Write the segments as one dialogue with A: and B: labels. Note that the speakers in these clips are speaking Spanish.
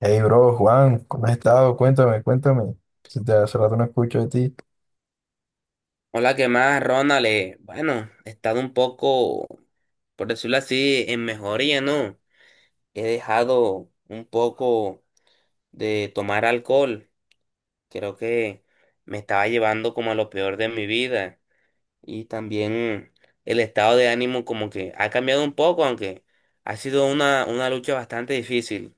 A: Hey, bro, Juan, ¿cómo has estado? Cuéntame, cuéntame. Si te hace rato no escucho de ti.
B: Hola, ¿qué más, Ronald? Bueno, he estado un poco, por decirlo así, en mejoría, ¿no? He dejado un poco de tomar alcohol. Creo que me estaba llevando como a lo peor de mi vida. Y también el estado de ánimo como que ha cambiado un poco, aunque ha sido una lucha bastante difícil.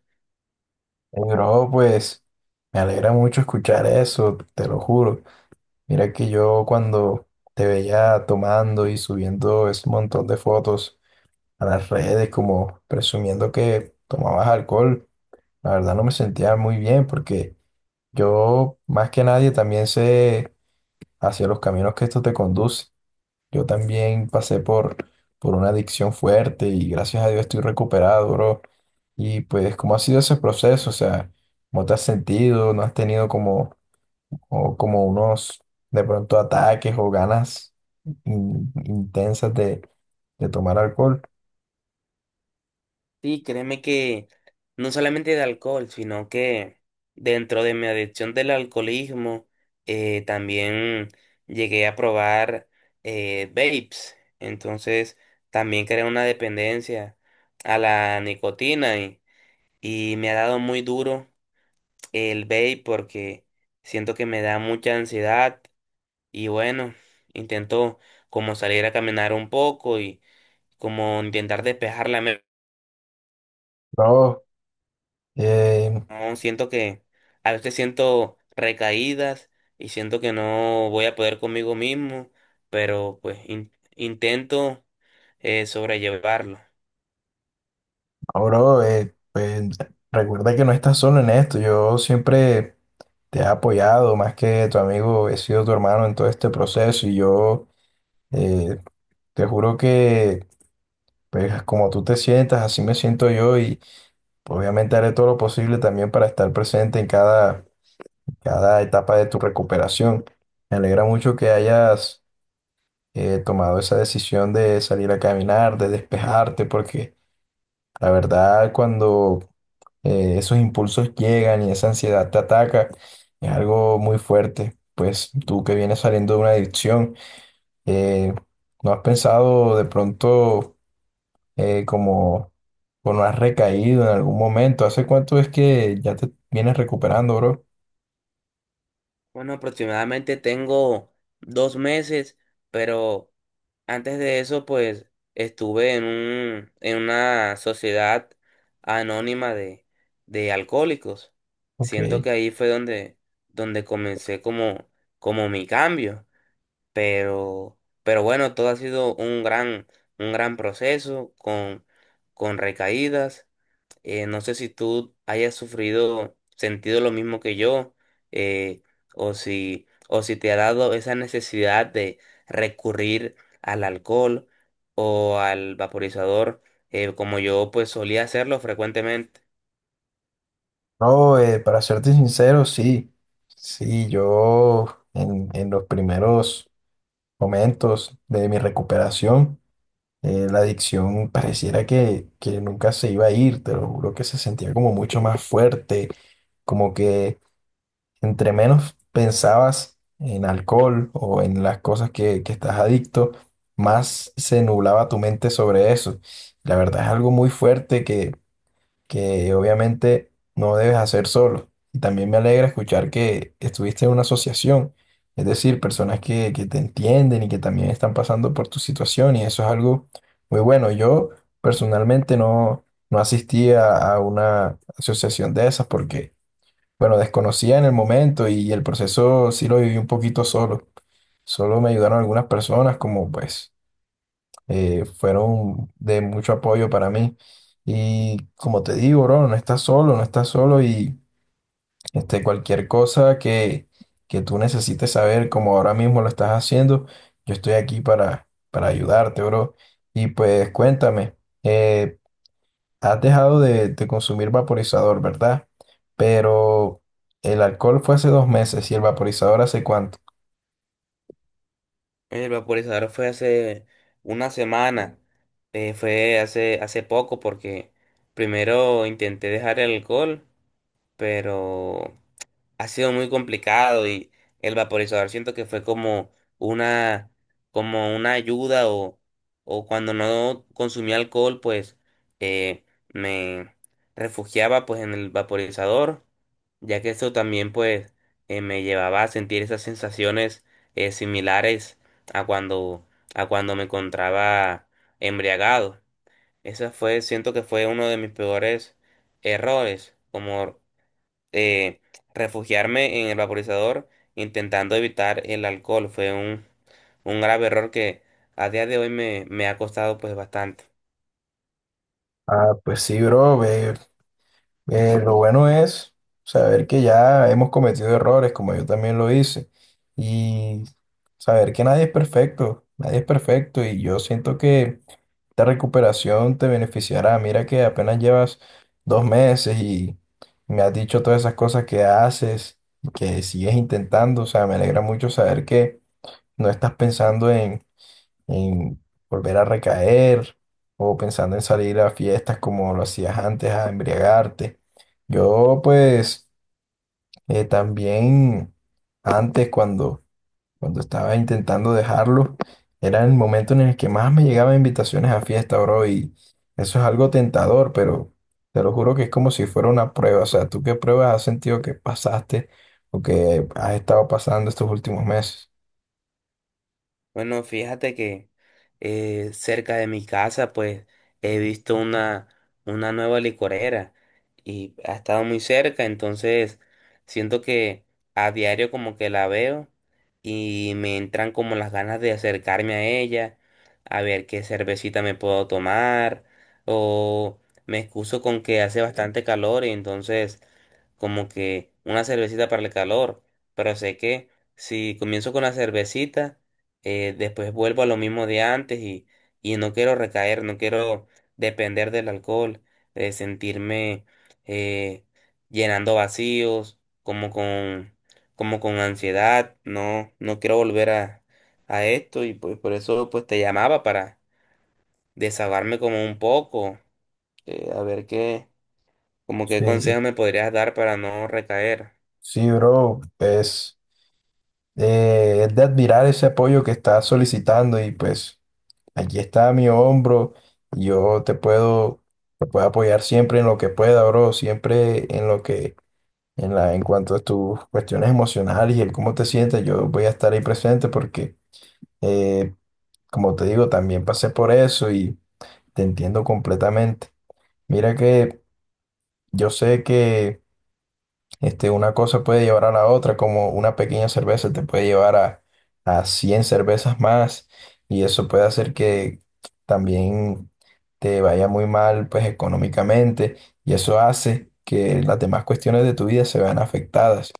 A: Hey, bro, pues me alegra mucho escuchar eso, te lo juro. Mira que yo cuando te veía tomando y subiendo ese montón de fotos a las redes, como presumiendo que tomabas alcohol, la verdad no me sentía muy bien porque yo, más que nadie, también sé hacia los caminos que esto te conduce. Yo también pasé por una adicción fuerte y gracias a Dios estoy recuperado, bro. Y pues, ¿cómo ha sido ese proceso? O sea, ¿cómo te has sentido? ¿No has tenido como, o como unos, de pronto, ataques o ganas intensas de tomar alcohol?
B: Sí, créeme que no solamente de alcohol, sino que dentro de mi adicción del alcoholismo, también llegué a probar vapes. Entonces, también creé una dependencia a la nicotina y me ha dado muy duro el vape porque siento que me da mucha ansiedad y bueno, intento como salir a caminar un poco y como intentar despejar la mente.
A: Bro, eh,
B: No, siento que a veces siento recaídas y siento que no voy a poder conmigo mismo, pero pues intento sobrellevarlo.
A: no, bro, pues, recuerda que no estás solo en esto. Yo siempre te he apoyado, más que tu amigo, he sido tu hermano en todo este proceso y yo... eh, Te juro que, pues, como tú te sientas, así me siento yo y obviamente haré todo lo posible también para estar presente en cada, cada etapa de tu recuperación. Me alegra mucho que hayas tomado esa decisión de salir a caminar, de despejarte, porque la verdad cuando esos impulsos llegan y esa ansiedad te ataca, es algo muy fuerte. Pues tú que vienes saliendo de una adicción, eh, ¿no has pensado de pronto... como, o no has recaído en algún momento? ¿Hace cuánto es que ya te vienes recuperando, bro?
B: Bueno, aproximadamente tengo dos meses, pero antes de eso pues estuve en en una sociedad anónima de alcohólicos.
A: Ok.
B: Siento que ahí fue donde comencé como mi cambio. Pero bueno, todo ha sido un un gran proceso con recaídas. No sé si tú hayas sufrido, sentido lo mismo que yo, eh, o si te ha dado esa necesidad de recurrir al alcohol o al vaporizador, como yo pues solía hacerlo frecuentemente.
A: No, para serte sincero, sí. Sí, yo en los primeros momentos de mi recuperación, la adicción pareciera que nunca se iba a ir, te lo juro que se sentía como mucho más fuerte, como que entre menos pensabas en alcohol o en las cosas que estás adicto, más se nublaba tu mente sobre eso. La verdad es algo muy fuerte que obviamente no debes hacer solo. Y también me alegra escuchar que estuviste en una asociación, es decir, personas que te entienden y que también están pasando por tu situación y eso es algo muy bueno. Yo personalmente no, no asistí a una asociación de esas porque... Bueno, desconocía en el momento y el proceso sí lo viví un poquito solo. Solo me ayudaron algunas personas, como pues fueron de mucho apoyo para mí. Y como te digo, bro, no estás solo, no estás solo y este, cualquier cosa que tú necesites saber, como ahora mismo lo estás haciendo, yo estoy aquí para ayudarte, bro. Y pues cuéntame, eh, ¿has dejado de consumir vaporizador, ¿verdad? Pero el alcohol fue hace 2 meses ¿y el vaporizador hace cuánto?
B: El vaporizador fue hace una semana, fue hace poco porque primero intenté dejar el alcohol, pero ha sido muy complicado y el vaporizador siento que fue como una, como una ayuda o cuando no consumía alcohol, pues eh, me refugiaba pues en el vaporizador, ya que esto también pues me llevaba a sentir esas sensaciones similares a cuando, a cuando me encontraba embriagado. Siento que fue uno de mis peores errores, como eh, refugiarme en el vaporizador intentando evitar el alcohol. Fue un grave error que a día de hoy me ha costado pues bastante.
A: Ah, pues sí, bro. Ve, lo bueno es saber que ya hemos cometido errores, como yo también lo hice, y saber que nadie es perfecto, nadie es perfecto, y yo siento que esta recuperación te beneficiará. Mira que apenas llevas 2 meses y me has dicho todas esas cosas que haces, que sigues intentando. O sea, me alegra mucho saber que no estás pensando en volver a recaer o pensando en salir a fiestas como lo hacías antes, a embriagarte. Yo pues también antes cuando estaba intentando dejarlo, era el momento en el que más me llegaban invitaciones a fiesta, bro, y eso es algo tentador, pero te lo juro que es como si fuera una prueba. O sea, ¿tú qué pruebas has sentido que pasaste o que has estado pasando estos últimos meses?
B: Bueno, fíjate que cerca de mi casa, pues he visto una nueva licorera y ha estado muy cerca, entonces siento que a diario como que la veo y me entran como las ganas de acercarme a ella, a ver qué cervecita me puedo tomar o me excuso con que hace bastante calor y entonces como que una cervecita para el calor, pero sé que si comienzo con la cervecita, después vuelvo a lo mismo de antes y no quiero recaer, no quiero depender del alcohol, sentirme eh, llenando vacíos, como con ansiedad, no, no quiero volver a esto y pues por eso pues te llamaba para desahogarme como un poco, eh, a ver qué, como qué
A: Sí,
B: consejo me podrías dar para no recaer.
A: sí, bro, pues es de admirar ese apoyo que estás solicitando y pues aquí está mi hombro, yo te puedo apoyar siempre en lo que pueda, bro, siempre en lo que en cuanto a tus cuestiones emocionales y el cómo te sientes, yo voy a estar ahí presente porque, eh, como te digo, también pasé por eso y te entiendo completamente. Mira que yo sé que este, una cosa puede llevar a la otra, como una pequeña cerveza te puede llevar a 100 cervezas más y eso puede hacer que también te vaya muy mal, pues, económicamente y eso hace que las demás cuestiones de tu vida se vean afectadas.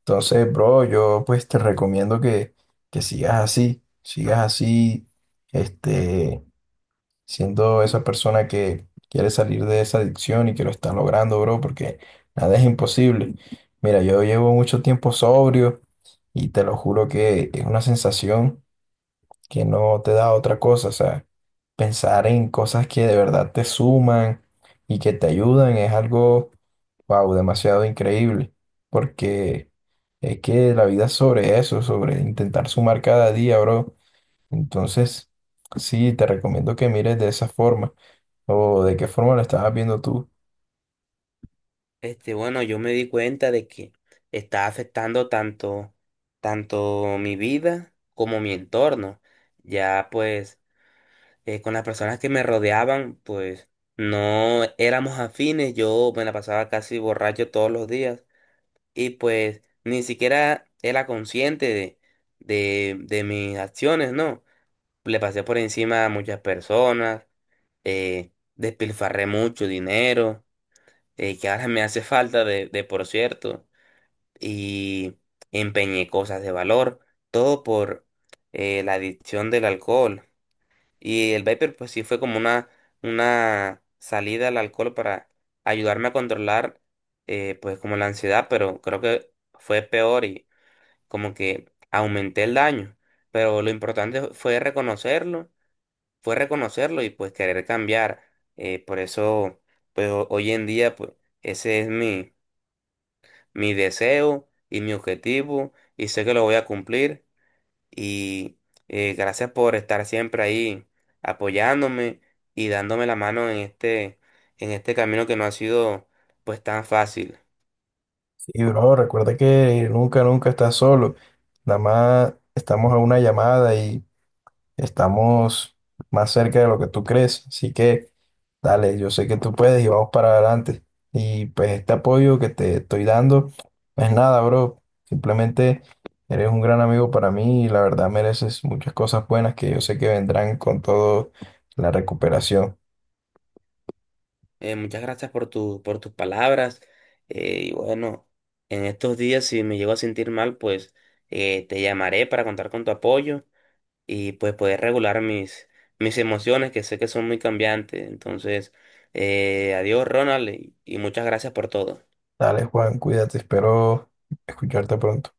A: Entonces, bro, yo pues te recomiendo que sigas así, este, siendo esa persona que quiere salir de esa adicción y que lo está logrando, bro, porque nada es imposible. Mira, yo llevo mucho tiempo sobrio y te lo juro que es una sensación que no te da otra cosa, o sea. Pensar en cosas que de verdad te suman y que te ayudan es algo, wow, demasiado increíble, porque es que la vida es sobre eso, sobre intentar sumar cada día, bro. Entonces, sí, te recomiendo que mires de esa forma o de qué forma lo estabas viendo tú.
B: Este, bueno, yo me di cuenta de que está afectando tanto, tanto mi vida como mi entorno. Ya pues, con las personas que me rodeaban, pues no éramos afines. Yo me la pasaba casi borracho todos los días. Y pues ni siquiera era consciente de mis acciones, ¿no? Le pasé por encima a muchas personas, despilfarré mucho dinero, que ahora me hace falta de por cierto y empeñé cosas de valor, todo por la adicción del alcohol. Y el vapor pues sí fue como una salida al alcohol para ayudarme a controlar pues como la ansiedad, pero creo que fue peor y como que aumenté el daño. Pero lo importante fue reconocerlo y pues querer cambiar. Por eso pues hoy en día pues ese es mi deseo y mi objetivo y sé que lo voy a cumplir y gracias por estar siempre ahí apoyándome y dándome la mano en este camino que no ha sido pues tan fácil.
A: Y, bro, recuerda que nunca, nunca estás solo. Nada más estamos a una llamada y estamos más cerca de lo que tú crees, así que dale, yo sé que tú puedes y vamos para adelante. Y pues este apoyo que te estoy dando, no es nada, bro. Simplemente eres un gran amigo para mí y la verdad mereces muchas cosas buenas que yo sé que vendrán con todo la recuperación.
B: Muchas gracias por tu por tus palabras, y bueno, en estos días si me llego a sentir mal pues te llamaré para contar con tu apoyo y pues poder regular mis emociones que sé que son muy cambiantes. Entonces, adiós Ronald y muchas gracias por todo.
A: Dale, Juan, cuídate, espero escucharte pronto.